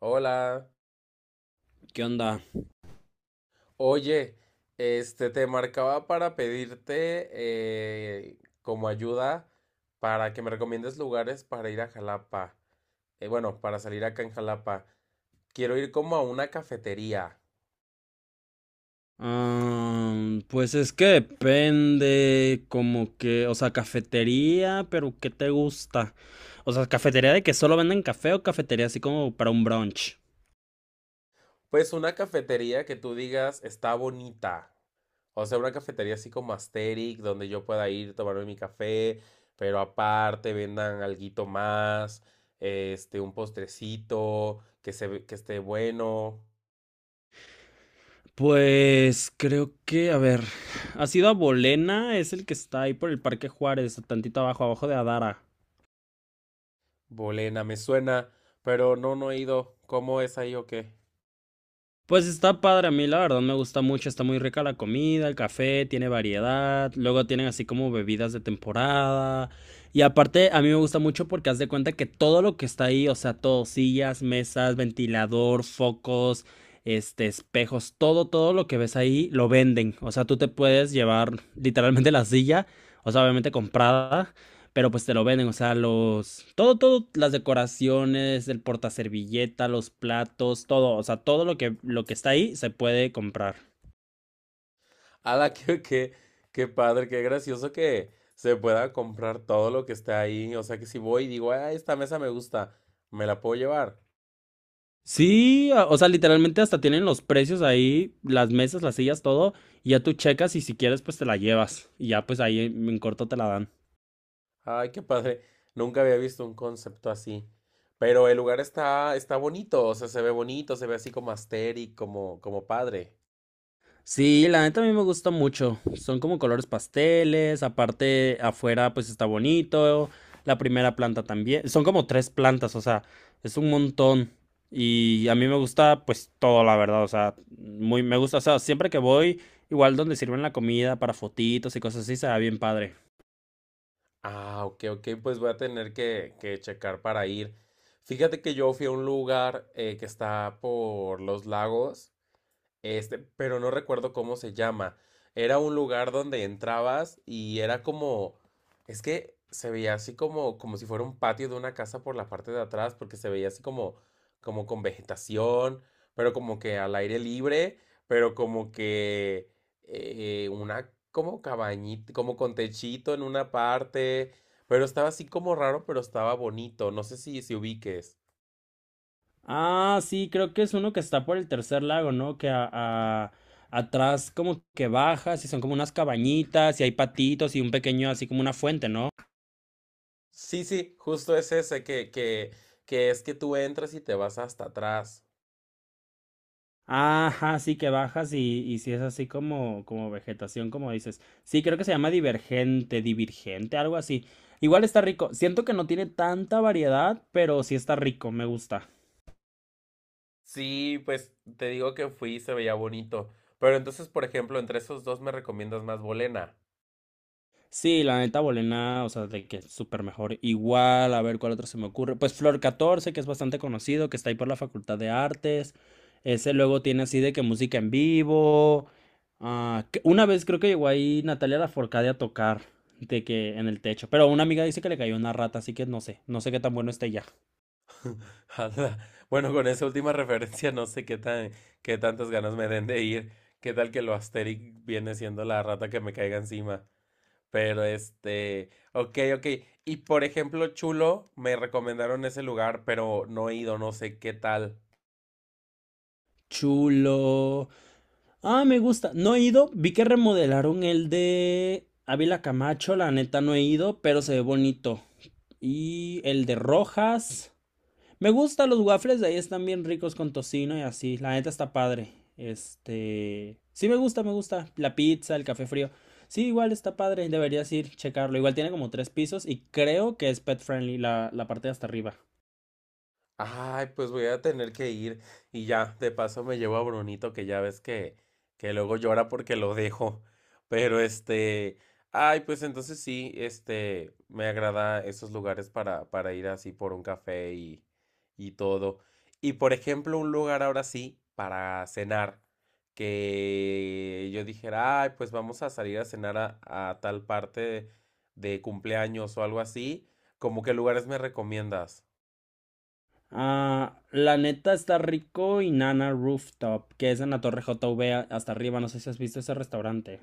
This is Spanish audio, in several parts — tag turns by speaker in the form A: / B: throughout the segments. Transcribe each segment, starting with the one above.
A: Hola,
B: ¿Qué onda?
A: oye, te marcaba para pedirte como ayuda para que me recomiendes lugares para ir a Jalapa. Bueno, para salir acá en Jalapa. Quiero ir como a una cafetería.
B: Ah, pues es que depende, como que, o sea, cafetería, pero ¿qué te gusta? O sea, cafetería de que solo venden café o cafetería así como para un brunch.
A: Pues una cafetería que tú digas está bonita. O sea, una cafetería así como Asterix, donde yo pueda ir, tomarme mi café, pero aparte vendan alguito más, un postrecito, que esté bueno.
B: Pues creo que, a ver, ¿has ido a Bolena? Es el que está ahí por el Parque Juárez, tantito abajo, abajo de Adara.
A: Bolena, me suena, pero no, no he ido. ¿Cómo es ahí o qué?
B: Pues está padre, a mí la verdad me gusta mucho, está muy rica la comida, el café, tiene variedad, luego tienen así como bebidas de temporada y aparte a mí me gusta mucho porque haz de cuenta que todo lo que está ahí, o sea, todo, sillas, mesas, ventilador, focos, espejos, todo, todo lo que ves ahí lo venden, o sea, tú te puedes llevar literalmente la silla, o sea, obviamente comprada pero pues te lo venden, o sea, los... Todo, todo, las decoraciones, el portaservilleta, los platos, todo, o sea, todo lo que está ahí se puede comprar.
A: Ala, qué padre, qué gracioso que se pueda comprar todo lo que está ahí. O sea que si voy y digo, ah, esta mesa me gusta, me la puedo llevar.
B: Sí, o sea, literalmente hasta tienen los precios ahí, las mesas, las sillas, todo, y ya tú checas y si quieres pues te la llevas y ya pues ahí en corto te la dan.
A: Ay, qué padre. Nunca había visto un concepto así. Pero el lugar está, está bonito, o sea, se ve bonito, se ve así como asteric, como padre.
B: Sí, la neta a mí me gusta mucho. Son como colores pasteles, aparte afuera pues está bonito, la primera planta también. Son como tres plantas, o sea, es un montón. Y a mí me gusta pues todo, la verdad, o sea, muy me gusta, o sea, siempre que voy, igual donde sirven la comida para fotitos y cosas así, se ve bien padre.
A: Ah, ok, ok, pues voy a tener que checar para ir. Fíjate que yo fui a un lugar que está por los lagos. Pero no recuerdo cómo se llama. Era un lugar donde entrabas y era como, es que se veía así como, si fuera un patio de una casa por la parte de atrás, porque se veía así como con vegetación, pero como que al aire libre, pero como que una, como cabañita, como con techito en una parte, pero estaba así como raro, pero estaba bonito. No sé si ubiques.
B: Ah, sí, creo que es uno que está por el tercer lago, ¿no? Que atrás como que bajas y son como unas cabañitas y hay patitos y un pequeño así como una fuente, ¿no?
A: Sí, sí, justo es ese, que es que tú entras y te vas hasta atrás.
B: Ajá, sí que bajas y si es así como, como vegetación, como dices. Sí, creo que se llama divergente, divergente, algo así. Igual está rico. Siento que no tiene tanta variedad, pero sí está rico, me gusta.
A: Sí, pues te digo que fui y se veía bonito. Pero entonces, por ejemplo, entre esos dos me recomiendas más Bolena.
B: Sí, la neta Bolena, o sea, de que es súper mejor. Igual, a ver cuál otro se me ocurre. Pues Flor 14 que es bastante conocido, que está ahí por la Facultad de Artes. Ese luego tiene así de que música en vivo. Ah, que una vez creo que llegó ahí Natalia Lafourcade a tocar, de que en el techo. Pero una amiga dice que le cayó una rata, así que no sé, no sé qué tan bueno esté ya.
A: Anda, bueno, con esa última referencia no sé qué tantas ganas me den de ir. ¿Qué tal que lo Asterix viene siendo la rata que me caiga encima? Pero ok, ok. Y por ejemplo, Chulo, me recomendaron ese lugar, pero no he ido, no sé qué tal.
B: Chulo. Ah, me gusta. No he ido. Vi que remodelaron el de Ávila Camacho. La neta no he ido, pero se ve bonito. Y el de Rojas. Me gusta los waffles de ahí. Están bien ricos con tocino y así. La neta está padre. Este. Sí, me gusta, me gusta. La pizza, el café frío. Sí, igual está padre. Deberías ir, checarlo. Igual tiene como tres pisos y creo que es pet friendly la parte de hasta arriba.
A: Ay, pues voy a tener que ir y ya, de paso me llevo a Brunito que ya ves que luego llora porque lo dejo. Pero ay, pues entonces sí, me agrada esos lugares para ir así por un café y todo. Y por ejemplo, un lugar ahora sí para cenar, que yo dijera, ay, pues vamos a salir a cenar a tal parte de cumpleaños o algo así, como qué lugares me recomiendas?
B: Ah, la neta está rico y Nana Rooftop, que es en la Torre JV hasta arriba. No sé si has visto ese restaurante.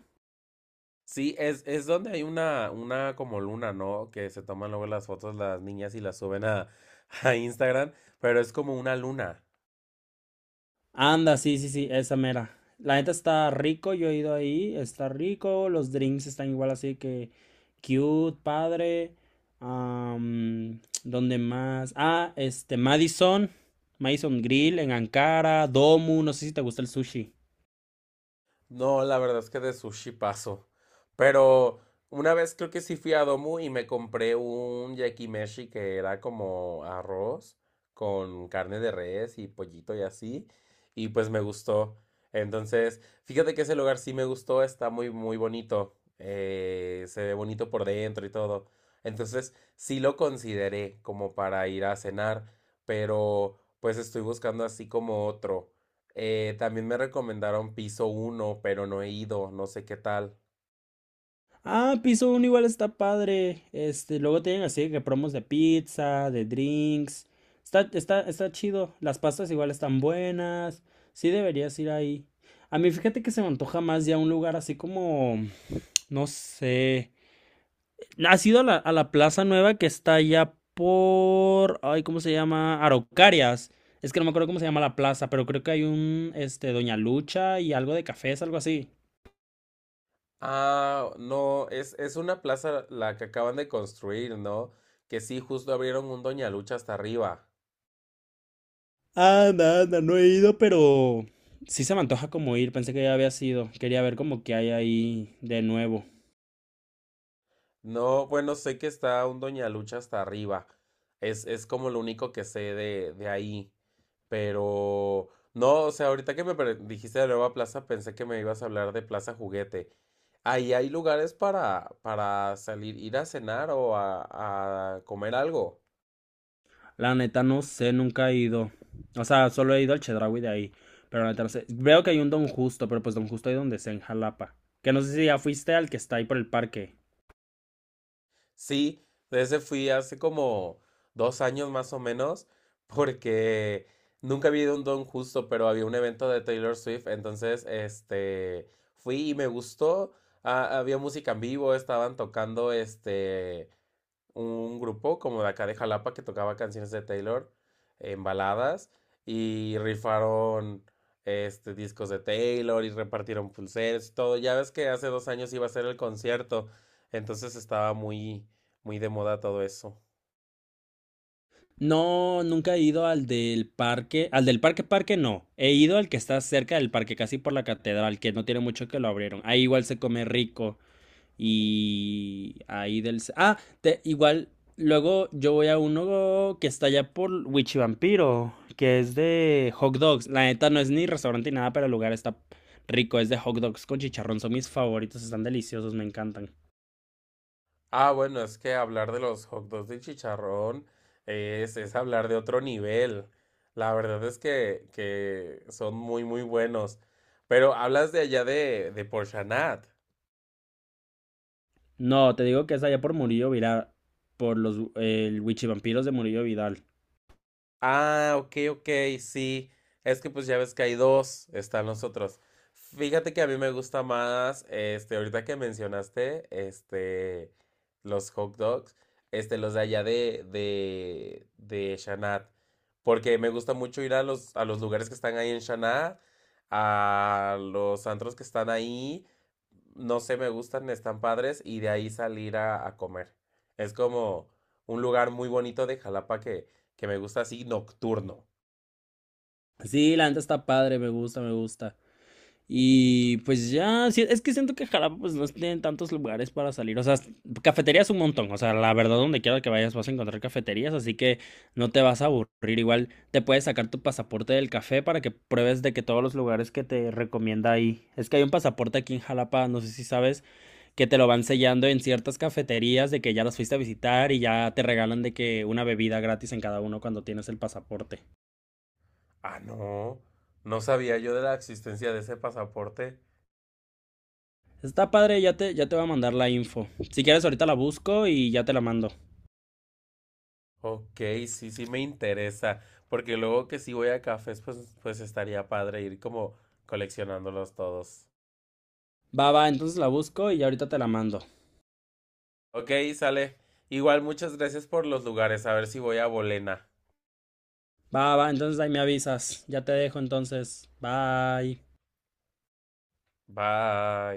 A: Sí, es donde hay una como luna, ¿no? Que se toman luego las fotos las niñas y las suben a Instagram, pero es como una luna.
B: Anda, sí, sí, sí, esa mera. La neta está rico, yo he ido ahí, está rico. Los drinks están igual así que cute, padre. ¿Dónde más? Ah, este, Madison, Madison Grill en Ankara, Domu, no sé si te gusta el sushi.
A: No, la verdad es que de sushi paso. Pero una vez creo que sí fui a Domu y me compré un yakimeshi que era como arroz con carne de res y pollito y así. Y pues me gustó. Entonces, fíjate que ese lugar sí me gustó, está muy, muy bonito. Se ve bonito por dentro y todo. Entonces, sí lo consideré como para ir a cenar, pero pues estoy buscando así como otro. También me recomendaron Piso uno pero no he ido, no sé qué tal.
B: Ah, piso uno igual está padre. Este, luego tienen así que promos de pizza, de drinks. Está chido. Las pastas igual están buenas. Sí deberías ir ahí. A mí fíjate que se me antoja más ya un lugar así como, no sé. ¿Has ido a la plaza nueva que está allá por, ay, ¿cómo se llama? Araucarias. Es que no me acuerdo cómo se llama la plaza, pero creo que hay un, este, Doña Lucha y algo de cafés, algo así.
A: Ah, no, es una plaza la que acaban de construir, ¿no? Que sí, justo abrieron un Doña Lucha hasta arriba.
B: Anda, anda, no he ido, pero sí se me antoja como ir. Pensé que ya había sido. Quería ver como que hay ahí de nuevo.
A: No, bueno, sé que está un Doña Lucha hasta arriba. Es como lo único que sé de ahí. Pero, no, o sea, ahorita que me dijiste de nueva plaza, pensé que me ibas a hablar de Plaza Juguete. Ahí hay lugares para salir, ir a cenar o a comer algo.
B: La neta no sé, nunca he ido. O sea, solo he ido al Chedraui de ahí. Pero la neta no sé. Veo que hay un Don Justo, pero pues Don Justo hay donde sea en Jalapa. Que no sé si ya fuiste al que está ahí por el parque.
A: Sí, de ese fui hace como 2 años más o menos, porque nunca había ido a un Don Justo, pero había un evento de Taylor Swift, entonces fui y me gustó. Ah, había música en vivo, estaban tocando un grupo como de acá de Jalapa que tocaba canciones de Taylor en baladas y rifaron discos de Taylor y repartieron pulseras y todo. Ya ves que hace 2 años iba a ser el concierto, entonces estaba muy, muy de moda todo eso.
B: No, nunca he ido al del parque. Al del parque parque no. He ido al que está cerca del parque, casi por la catedral, que no tiene mucho que lo abrieron. Ahí igual se come rico. Y ahí del... Ah, igual, luego yo voy a uno que está allá por Wichivampiro, que es de hot dogs. La neta no es ni restaurante ni nada, pero el lugar está rico. Es de hot dogs con chicharrón. Son mis favoritos, están deliciosos, me encantan.
A: Ah, bueno, es que hablar de los hot dogs de chicharrón es hablar de otro nivel. La verdad es que son muy, muy buenos. Pero hablas de allá de Porchanat.
B: No, te digo que es allá por Murillo Vidal, por los Wichivampiros de Murillo Vidal.
A: Ah, ok, ok, sí. Es que pues ya ves que hay dos, están los otros. Fíjate que a mí me gusta más, ahorita que mencionaste, los hot dogs, los de allá de Shanat, porque me gusta mucho ir a los lugares que están ahí en Shanat, a los antros que están ahí, no sé, me gustan, están padres, y de ahí salir a comer. Es como un lugar muy bonito de Jalapa que me gusta así nocturno.
B: Sí, la neta está padre, me gusta, me gusta. Y pues ya, sí, es que siento que Jalapa pues no tienen tantos lugares para salir, o sea, cafeterías un montón, o sea, la verdad donde quiera que vayas vas a encontrar cafeterías, así que no te vas a aburrir, igual te puedes sacar tu pasaporte del café para que pruebes de que todos los lugares que te recomienda ahí, es que hay un pasaporte aquí en Jalapa, no sé si sabes, que te lo van sellando en ciertas cafeterías de que ya las fuiste a visitar y ya te regalan de que una bebida gratis en cada uno cuando tienes el pasaporte.
A: Ah, no, no sabía yo de la existencia de ese pasaporte.
B: Está padre, ya te voy a mandar la info. Si quieres ahorita la busco y ya te la mando.
A: Ok, sí, sí me interesa, porque luego que si voy a cafés, pues estaría padre ir como coleccionándolos todos.
B: Va, va, entonces la busco y ahorita te la mando.
A: Ok, sale. Igual muchas gracias por los lugares, a ver si voy a Bolena.
B: Va, va, entonces ahí me avisas. Ya te dejo entonces. Bye.
A: Bye.